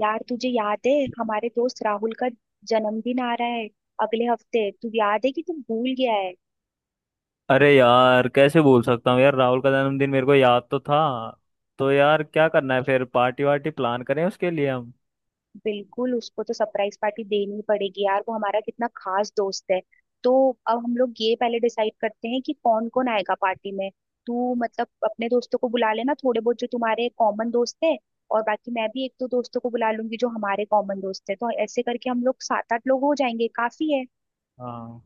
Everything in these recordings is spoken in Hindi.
यार तुझे याद है हमारे दोस्त राहुल का जन्मदिन आ रहा है अगले हफ्ते। तू याद है कि तू भूल गया है? अरे यार कैसे भूल सकता हूँ यार, राहुल का जन्मदिन मेरे को याद तो था। तो यार क्या करना है फिर, पार्टी वार्टी प्लान करें उसके लिए हम। बिल्कुल, उसको तो सरप्राइज पार्टी देनी ही पड़ेगी यार, वो हमारा कितना खास दोस्त है। तो अब हम लोग ये पहले डिसाइड करते हैं कि कौन कौन आएगा पार्टी में। तू मतलब अपने दोस्तों को बुला लेना, थोड़े बहुत जो तुम्हारे कॉमन दोस्त है। और बाकी मैं भी एक दो दोस्तों को बुला लूंगी जो हमारे कॉमन दोस्त है, तो ऐसे करके हम लोग सात आठ लोग हो जाएंगे, काफी है। हाँ।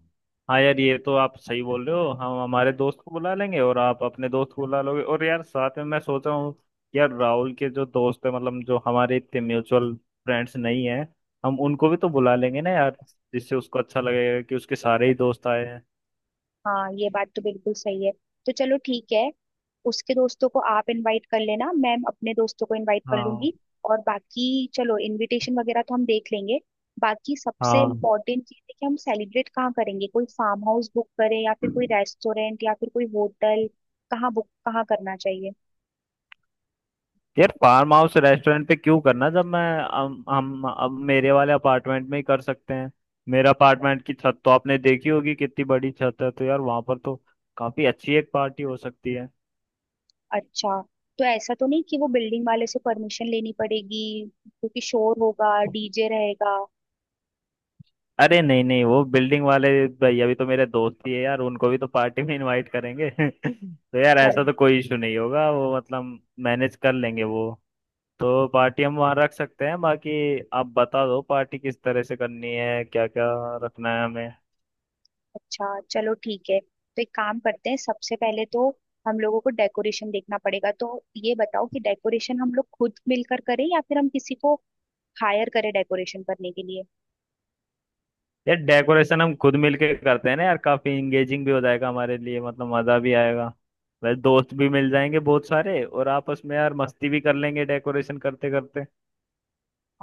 हाँ यार ये तो आप सही बोल रहे हो, हम हमारे दोस्त को बुला लेंगे और आप अपने दोस्त को बुला लोगे, और यार साथ में मैं सोच रहा हूँ, यार राहुल के जो दोस्त है मतलब जो हमारे इतने म्यूचुअल फ्रेंड्स नहीं है, हम उनको भी तो बुला लेंगे ना यार। जिससे उसको अच्छा लगेगा कि उसके सारे ही दोस्त आए हैं। हाँ ये बात तो बिल्कुल सही है। तो चलो ठीक है, उसके दोस्तों को आप इनवाइट कर लेना, मैम अपने दोस्तों को इनवाइट कर हाँ। लूंगी। और बाकी चलो इनविटेशन वगैरह तो हम देख लेंगे। बाकी सबसे हाँ इम्पोर्टेंट चीज है कि हम सेलिब्रेट कहाँ करेंगे, कोई फार्म हाउस बुक करें या फिर कोई रेस्टोरेंट या फिर कोई होटल? कहाँ करना चाहिए? यार फार्म हाउस रेस्टोरेंट पे क्यों करना, जब मैं हम अब मेरे वाले अपार्टमेंट में ही कर सकते हैं। मेरा अपार्टमेंट की छत तो आपने देखी होगी, कितनी बड़ी छत है, तो यार वहां पर तो काफी अच्छी एक पार्टी हो सकती है। अच्छा, तो ऐसा तो नहीं कि वो बिल्डिंग वाले से परमिशन लेनी पड़ेगी, क्योंकि शोर होगा, डीजे रहेगा। अरे नहीं नहीं, वो बिल्डिंग वाले भैया भी तो मेरे दोस्त ही है यार, उनको भी तो पार्टी में इनवाइट करेंगे तो यार ऐसा चल। तो कोई इशू नहीं होगा, वो मतलब मैनेज कर लेंगे वो। तो पार्टी हम वहाँ रख सकते हैं। बाकी आप बता दो पार्टी किस तरह से करनी है, क्या क्या रखना है। अच्छा चलो ठीक है, तो एक काम करते हैं, सबसे पहले तो हम लोगों को डेकोरेशन देखना पड़ेगा। तो ये बताओ कि डेकोरेशन हम लोग खुद मिलकर करें या फिर हम किसी को हायर करें डेकोरेशन करने के लिए? यार डेकोरेशन हम खुद मिलके करते हैं ना यार, काफी इंगेजिंग भी हो जाएगा हमारे लिए, मतलब मजा भी आएगा। वैसे दोस्त भी मिल जाएंगे बहुत सारे, और आपस में यार मस्ती भी कर लेंगे डेकोरेशन करते करते।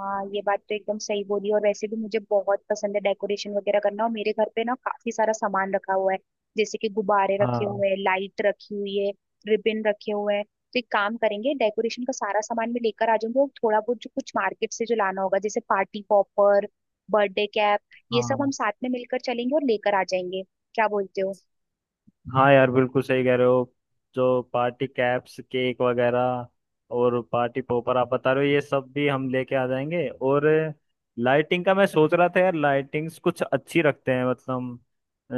हाँ ये बात तो एकदम सही बोली, और वैसे भी मुझे बहुत पसंद है डेकोरेशन वगैरह करना, और मेरे घर पे ना काफी सारा सामान रखा हुआ है। जैसे कि गुब्बारे रखे हाँ। हुए हैं, लाइट रखी हुई है, रिबन रखे हुए हैं। तो एक काम करेंगे, डेकोरेशन का सारा सामान मैं लेकर आ जाऊंगी, और थोड़ा बहुत जो कुछ मार्केट से जो लाना होगा जैसे पार्टी पॉपर, बर्थडे कैप, ये सब हम हाँ। साथ में मिलकर चलेंगे और लेकर आ जाएंगे। क्या बोलते हो? हाँ यार बिल्कुल सही कह रहे हो। जो पार्टी कैप्स, केक वगैरह और पार्टी पॉपर आप बता रहे हो, ये सब भी हम लेके आ जाएंगे। और लाइटिंग का मैं सोच रहा था यार, लाइटिंग्स कुछ अच्छी रखते हैं, मतलब अ,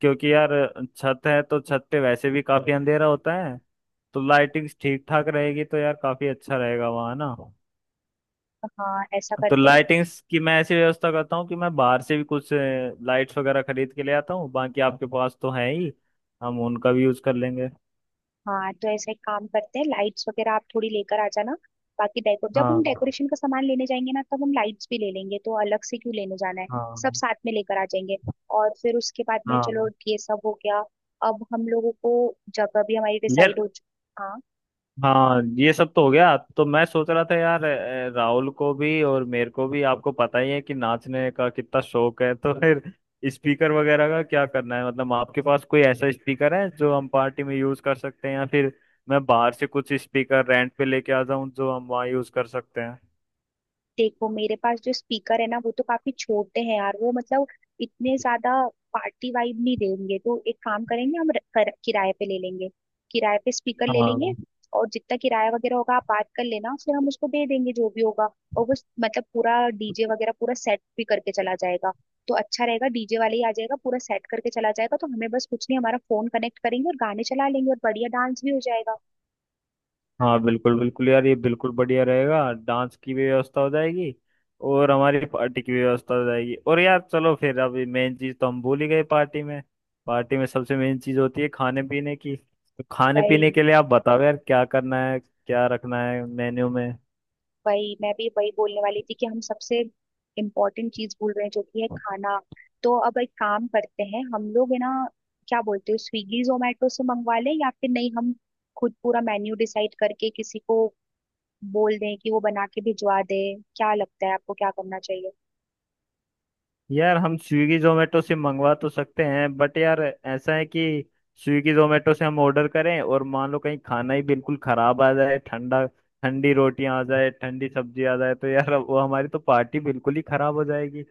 क्योंकि यार छत है तो छत पे वैसे भी काफी अंधेरा होता है, तो लाइटिंग्स ठीक ठाक रहेगी तो यार काफी अच्छा रहेगा वहाँ ना। हाँ ऐसा तो करते हैं। लाइटिंग्स की मैं ऐसी व्यवस्था करता हूँ कि मैं बाहर से भी कुछ लाइट्स वगैरह खरीद के ले आता हूँ, बाकी आपके पास तो है ही, हम उनका भी यूज कर लेंगे। हाँ तो ऐसा एक काम करते हैं, लाइट्स वगैरह आप थोड़ी लेकर आ जाना, बाकी डेकोर जब हाँ। हम डेकोरेशन का सामान लेने जाएंगे ना तब हम लाइट्स भी ले लेंगे, तो अलग से क्यों लेने जाना है। सब हाँ। साथ में लेकर आ जाएंगे। और फिर उसके बाद में चलो हाँ ये सब हो गया, अब हम लोगों को जगह भी हमारी यार। डिसाइड हो चुकी। हाँ ये सब तो हो गया। तो मैं सोच रहा था यार, राहुल को भी और मेरे को भी आपको पता ही है कि नाचने का कितना शौक है तो फिर स्पीकर वगैरह का क्या करना है, मतलब आपके पास कोई ऐसा स्पीकर है जो हम पार्टी में यूज कर सकते हैं, या फिर मैं बाहर से कुछ स्पीकर रेंट पे लेके आ जाऊं जो हम वहाँ यूज कर सकते हैं। देखो मेरे पास जो स्पीकर है ना वो तो काफी छोटे हैं यार, वो मतलब इतने ज्यादा पार्टी वाइब नहीं देंगे, तो एक काम करेंगे, हम किराए पे ले लेंगे। किराए पे स्पीकर ले लेंगे। हाँ। और जितना किराया वगैरह होगा आप बात कर लेना, फिर हम उसको दे देंगे जो भी होगा। और वो मतलब पूरा डीजे वगैरह पूरा सेट भी करके चला जाएगा। तो अच्छा रहेगा, डीजे वाले ही आ जाएगा, पूरा सेट करके चला जाएगा, तो हमें बस कुछ नहीं, हमारा फोन कनेक्ट करेंगे और गाने चला लेंगे और बढ़िया डांस भी हो जाएगा। हाँ बिल्कुल बिल्कुल यार, ये बिल्कुल बढ़िया रहेगा, डांस की भी व्यवस्था हो जाएगी और हमारी पार्टी की भी व्यवस्था हो जाएगी। और यार चलो फिर, अभी मेन चीज तो हम भूल ही गए। पार्टी में सबसे मेन चीज होती है खाने पीने की। तो खाने भाई पीने के लिए आप बताओ यार क्या करना है, क्या रखना है मेन्यू में। वही मैं भी वही बोलने वाली थी कि हम सबसे इम्पोर्टेंट चीज भूल रहे हैं जो कि है खाना। तो अब एक काम करते हैं हम लोग, है ना, क्या बोलते हो, स्विगी जोमेटो से मंगवा लें या फिर नहीं हम खुद पूरा मेन्यू डिसाइड करके किसी को बोल दें कि वो बना के भिजवा दे? क्या लगता है आपको क्या करना चाहिए? यार हम स्विगी जोमेटो से मंगवा तो सकते हैं, बट यार ऐसा है कि स्विगी जोमेटो से हम ऑर्डर करें और मान लो कहीं खाना ही बिल्कुल खराब आ जाए, ठंडा, ठंडी रोटियां आ जाए, ठंडी सब्जी आ जाए, तो यार वो हमारी तो पार्टी बिल्कुल ही खराब हो जाएगी।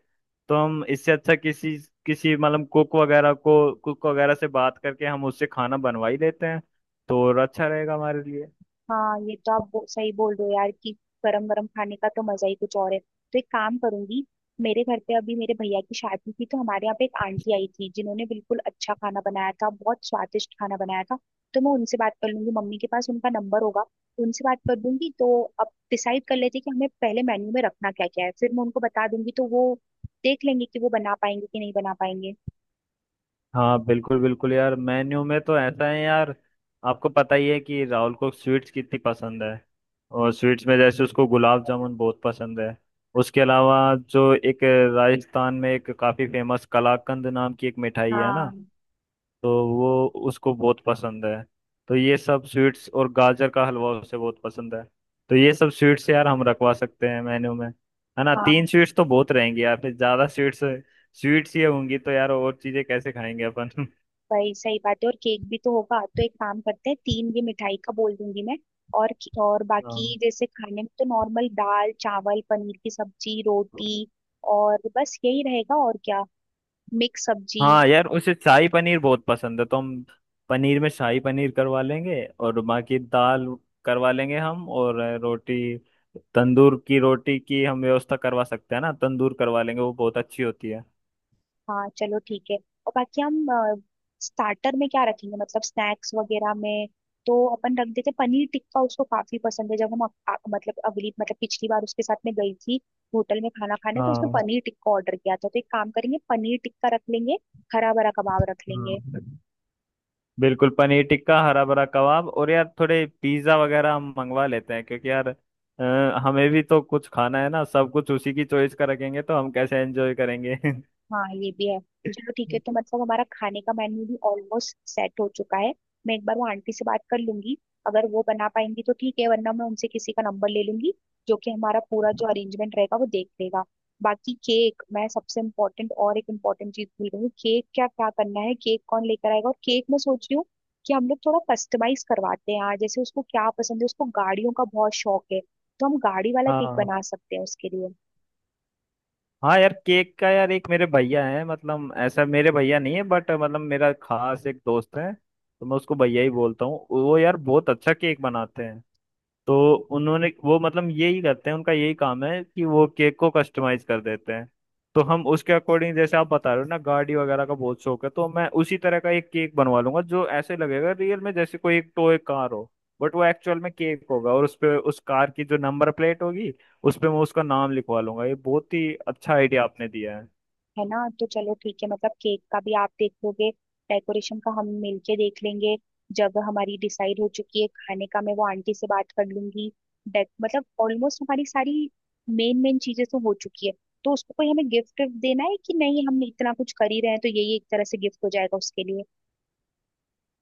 तो हम इससे अच्छा किसी किसी मतलब कुक वगैरह को कुक वगैरह से बात करके हम उससे खाना बनवा ही लेते हैं, तो और अच्छा रहेगा हमारे लिए। हाँ ये तो आप सही बोल रहे हो यार, कि गरम गरम खाने का तो मजा ही कुछ और है। तो एक काम करूंगी, मेरे घर पे अभी मेरे भैया की शादी थी तो हमारे यहाँ पे एक आंटी आई थी जिन्होंने बिल्कुल अच्छा खाना बनाया था, बहुत स्वादिष्ट खाना बनाया था। तो मैं उनसे बात कर लूंगी, मम्मी के पास उनका नंबर होगा, उनसे बात कर दूंगी। तो अब डिसाइड कर लेते हैं कि हमें पहले मेन्यू में रखना क्या क्या है, फिर मैं उनको बता दूंगी तो वो देख लेंगे कि वो बना पाएंगे कि नहीं बना पाएंगे। हाँ बिल्कुल बिल्कुल यार, मेन्यू में तो ऐसा है यार, आपको पता ही है कि राहुल को स्वीट्स कितनी पसंद है। और स्वीट्स में जैसे उसको गुलाब जामुन बहुत पसंद है। उसके अलावा जो एक राजस्थान में एक काफ़ी फेमस कलाकंद नाम की एक मिठाई है ना, हाँ। तो वो उसको बहुत पसंद है। तो ये सब स्वीट्स और गाजर का हलवा उसे बहुत पसंद है। तो ये सब स्वीट्स यार हम रखवा सकते हैं मेन्यू में, है ना। हाँ तीन स्वीट्स तो बहुत रहेंगी यार, फिर ज़्यादा स्वीट्स स्वीट्स ये होंगी तो यार और चीज़ें कैसे खाएंगे अपन। वही सही बात है, और केक भी तो होगा। तो एक काम करते हैं, तीन ये मिठाई का बोल दूंगी मैं। और और हाँ। बाकी जैसे खाने में तो नॉर्मल दाल चावल पनीर की सब्जी रोटी, और बस यही रहेगा, और क्या, मिक्स सब्जी। हाँ यार उसे शाही पनीर बहुत पसंद है, तो हम पनीर में शाही पनीर करवा लेंगे, और बाकी दाल करवा लेंगे हम, और रोटी, तंदूर की रोटी की हम व्यवस्था करवा सकते हैं ना, तंदूर करवा लेंगे, वो बहुत अच्छी होती है। हाँ चलो ठीक है। और बाकी हम स्टार्टर में क्या रखेंगे, मतलब स्नैक्स वगैरह में? तो अपन रख देते पनीर टिक्का, उसको काफी पसंद है, जब हम मतलब अगली मतलब पिछली बार उसके साथ में गई थी होटल में खाना खाने, तो उसने हाँ। पनीर टिक्का ऑर्डर किया था, तो एक काम करेंगे पनीर टिक्का रख लेंगे, हरा भरा कबाब रख लेंगे। हाँ बिल्कुल, पनीर टिक्का, हरा भरा कबाब, और यार थोड़े पिज्ज़ा वगैरह हम मंगवा लेते हैं, क्योंकि यार अ, हमें भी तो कुछ खाना है ना, सब कुछ उसी की चॉइस का रखेंगे तो हम कैसे एंजॉय करेंगे। हाँ ये भी है। चलो ठीक है, तो मतलब हमारा खाने का मेन्यू भी ऑलमोस्ट सेट हो चुका है। मैं एक बार वो आंटी से बात कर लूंगी, अगर वो बना पाएंगी तो ठीक है, वरना मैं उनसे किसी का नंबर ले लूंगी जो कि हमारा पूरा जो अरेंजमेंट रहेगा वो देख लेगा। बाकी केक, मैं सबसे इम्पोर्टेंट और एक इम्पोर्टेंट चीज भूल गई हूँ, केक क्या क्या करना है, केक कौन लेकर आएगा? और केक मैं सोच रही हूँ कि हम लोग थोड़ा कस्टमाइज करवाते हैं, आज जैसे उसको क्या पसंद है, उसको गाड़ियों का बहुत शौक है, तो हम गाड़ी वाला केक हाँ। बना सकते हैं उसके लिए, हाँ यार केक का, यार एक मेरे भैया है, मतलब ऐसा मेरे भैया नहीं है बट मतलब मेरा खास एक दोस्त है तो मैं उसको भैया ही बोलता हूँ, वो यार बहुत अच्छा केक बनाते हैं। तो उन्होंने वो मतलब यही करते हैं, उनका यही काम है कि वो केक को कस्टमाइज कर देते हैं। तो हम उसके अकॉर्डिंग, जैसे आप बता रहे हो ना गाड़ी वगैरह का बहुत शौक है, तो मैं उसी तरह का एक केक बनवा लूंगा जो ऐसे लगेगा रियल में जैसे कोई एक टॉय कार हो, बट वो एक्चुअल में केक होगा, और उस पे उस कार की जो नंबर प्लेट होगी उस पे मैं उसका नाम लिखवा लूंगा। ये बहुत ही अच्छा आइडिया आपने दिया है। है ना। तो चलो ठीक है, मतलब केक का भी आप देख लोगे, डेकोरेशन का हम मिलके देख लेंगे, जगह हमारी डिसाइड हो चुकी है, खाने का मैं वो आंटी से बात कर लूंगी। डेक मतलब ऑलमोस्ट हमारी सारी मेन मेन चीजें तो हो चुकी है। तो उसको कोई हमें गिफ्ट देना है कि नहीं, हम इतना कुछ कर ही रहे हैं तो यही एक तरह से गिफ्ट हो जाएगा उसके लिए।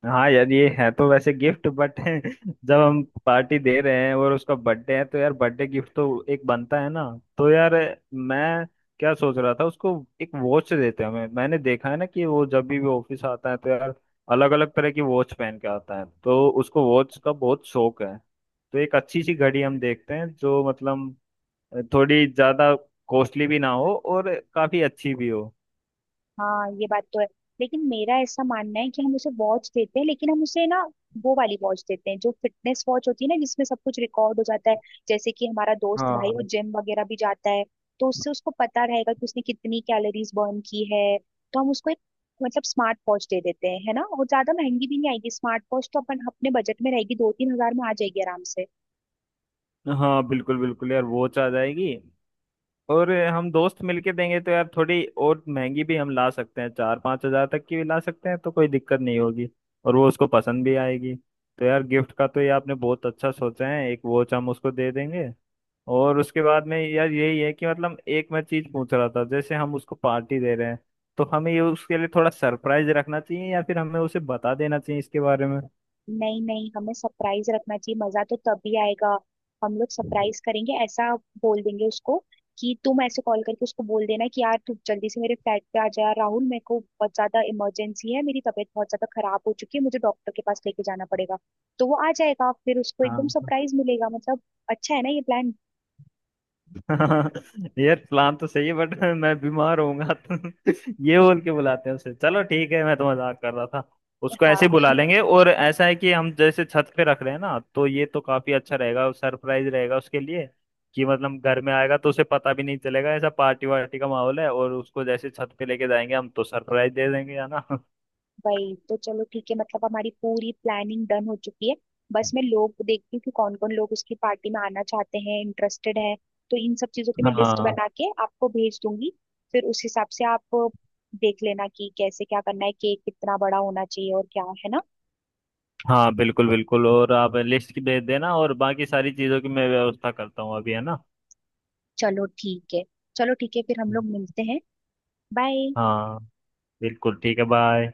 हाँ यार ये है तो वैसे गिफ्ट, बट जब हम पार्टी दे रहे हैं और उसका बर्थडे है तो यार बर्थडे गिफ्ट तो एक बनता है ना। तो यार मैं क्या सोच रहा था, उसको एक वॉच देते हैं हमें। मैंने देखा है ना कि वो जब भी वो ऑफिस आता है तो यार अलग अलग तरह की वॉच पहन के आता है, तो उसको वॉच का बहुत शौक है। तो एक अच्छी सी घड़ी हम देखते हैं जो मतलब थोड़ी ज्यादा कॉस्टली भी ना हो, और काफी अच्छी भी हो। हाँ ये बात तो है, लेकिन मेरा ऐसा मानना है कि हम उसे वॉच देते हैं, लेकिन हम उसे ना वो वाली वॉच देते हैं जो फिटनेस वॉच होती है ना, जिसमें सब कुछ रिकॉर्ड हो जाता है। जैसे कि हमारा दोस्त भाई वो हाँ। जिम वगैरह भी जाता है, तो उससे उसको पता रहेगा कि उसने कितनी कैलोरीज बर्न की है। तो हम उसको एक मतलब स्मार्ट वॉच दे देते हैं, है ना, और ज्यादा महंगी भी नहीं आएगी स्मार्ट वॉच, तो अपन अपने बजट में रहेगी, दो तीन हजार में आ जाएगी आराम से। हाँ बिल्कुल बिल्कुल यार, वॉच आ जाएगी। और हम दोस्त मिलके देंगे तो यार थोड़ी और महंगी भी हम ला सकते हैं, 4-5 हजार तक की भी ला सकते हैं, तो कोई दिक्कत नहीं होगी। और वो उसको पसंद भी आएगी, तो यार गिफ्ट का तो ये आपने बहुत अच्छा सोचा है, एक वॉच हम उसको दे देंगे। और उसके बाद में यार यही है कि मतलब एक मैं चीज पूछ रहा था, जैसे हम उसको पार्टी दे रहे हैं, तो हमें ये उसके लिए थोड़ा सरप्राइज रखना चाहिए, या फिर हमें उसे बता देना चाहिए इसके बारे में। नहीं नहीं, हमें सरप्राइज रखना चाहिए, मजा तो तभी आएगा। हम लोग सरप्राइज करेंगे, ऐसा बोल देंगे उसको कि तुम ऐसे कॉल करके उसको बोल देना कि यार तू जल्दी से मेरे फ्लैट पे आ जा, यार राहुल मेरे को बहुत ज्यादा इमरजेंसी है, मेरी तबीयत बहुत ज्यादा खराब हो चुकी है, मुझे डॉक्टर के पास लेके जाना पड़ेगा। तो वो आ जाएगा, फिर उसको एकदम हाँ। सरप्राइज मिलेगा मतलब। अच्छा है ना ये प्लान? हाँ, यार प्लान तो सही है बट मैं बीमार होऊंगा तो ये बोल के बुलाते हैं उसे? चलो ठीक है, मैं तो मजाक कर रहा था। उसको हाँ ऐसे ही बुला लेंगे, और ऐसा है कि हम जैसे छत पे रख रहे हैं ना, तो ये तो काफी अच्छा रहेगा, सरप्राइज रहेगा उसके लिए। कि मतलब घर में आएगा तो उसे पता भी नहीं चलेगा ऐसा पार्टी वार्टी का माहौल है, और उसको जैसे छत पे लेके जाएंगे हम तो सरप्राइज दे देंगे, है ना। वही तो। चलो ठीक है, मतलब हमारी पूरी प्लानिंग डन हो चुकी है। बस मैं लोग देखती हूँ कि कौन कौन लोग उसकी पार्टी में आना चाहते हैं, इंटरेस्टेड है, तो इन सब चीजों की मैं लिस्ट हाँ। बना के आपको भेज दूंगी। फिर उस हिसाब से आप देख लेना कि कैसे क्या करना है, केक कितना बड़ा होना चाहिए और क्या, है ना। हाँ बिल्कुल बिल्कुल, और आप लिस्ट की भेज देना, और बाकी सारी चीजों की मैं व्यवस्था करता हूँ अभी, है ना। चलो ठीक है। चलो ठीक है, फिर हम लोग मिलते हैं, बाय। हाँ बिल्कुल ठीक है, बाय।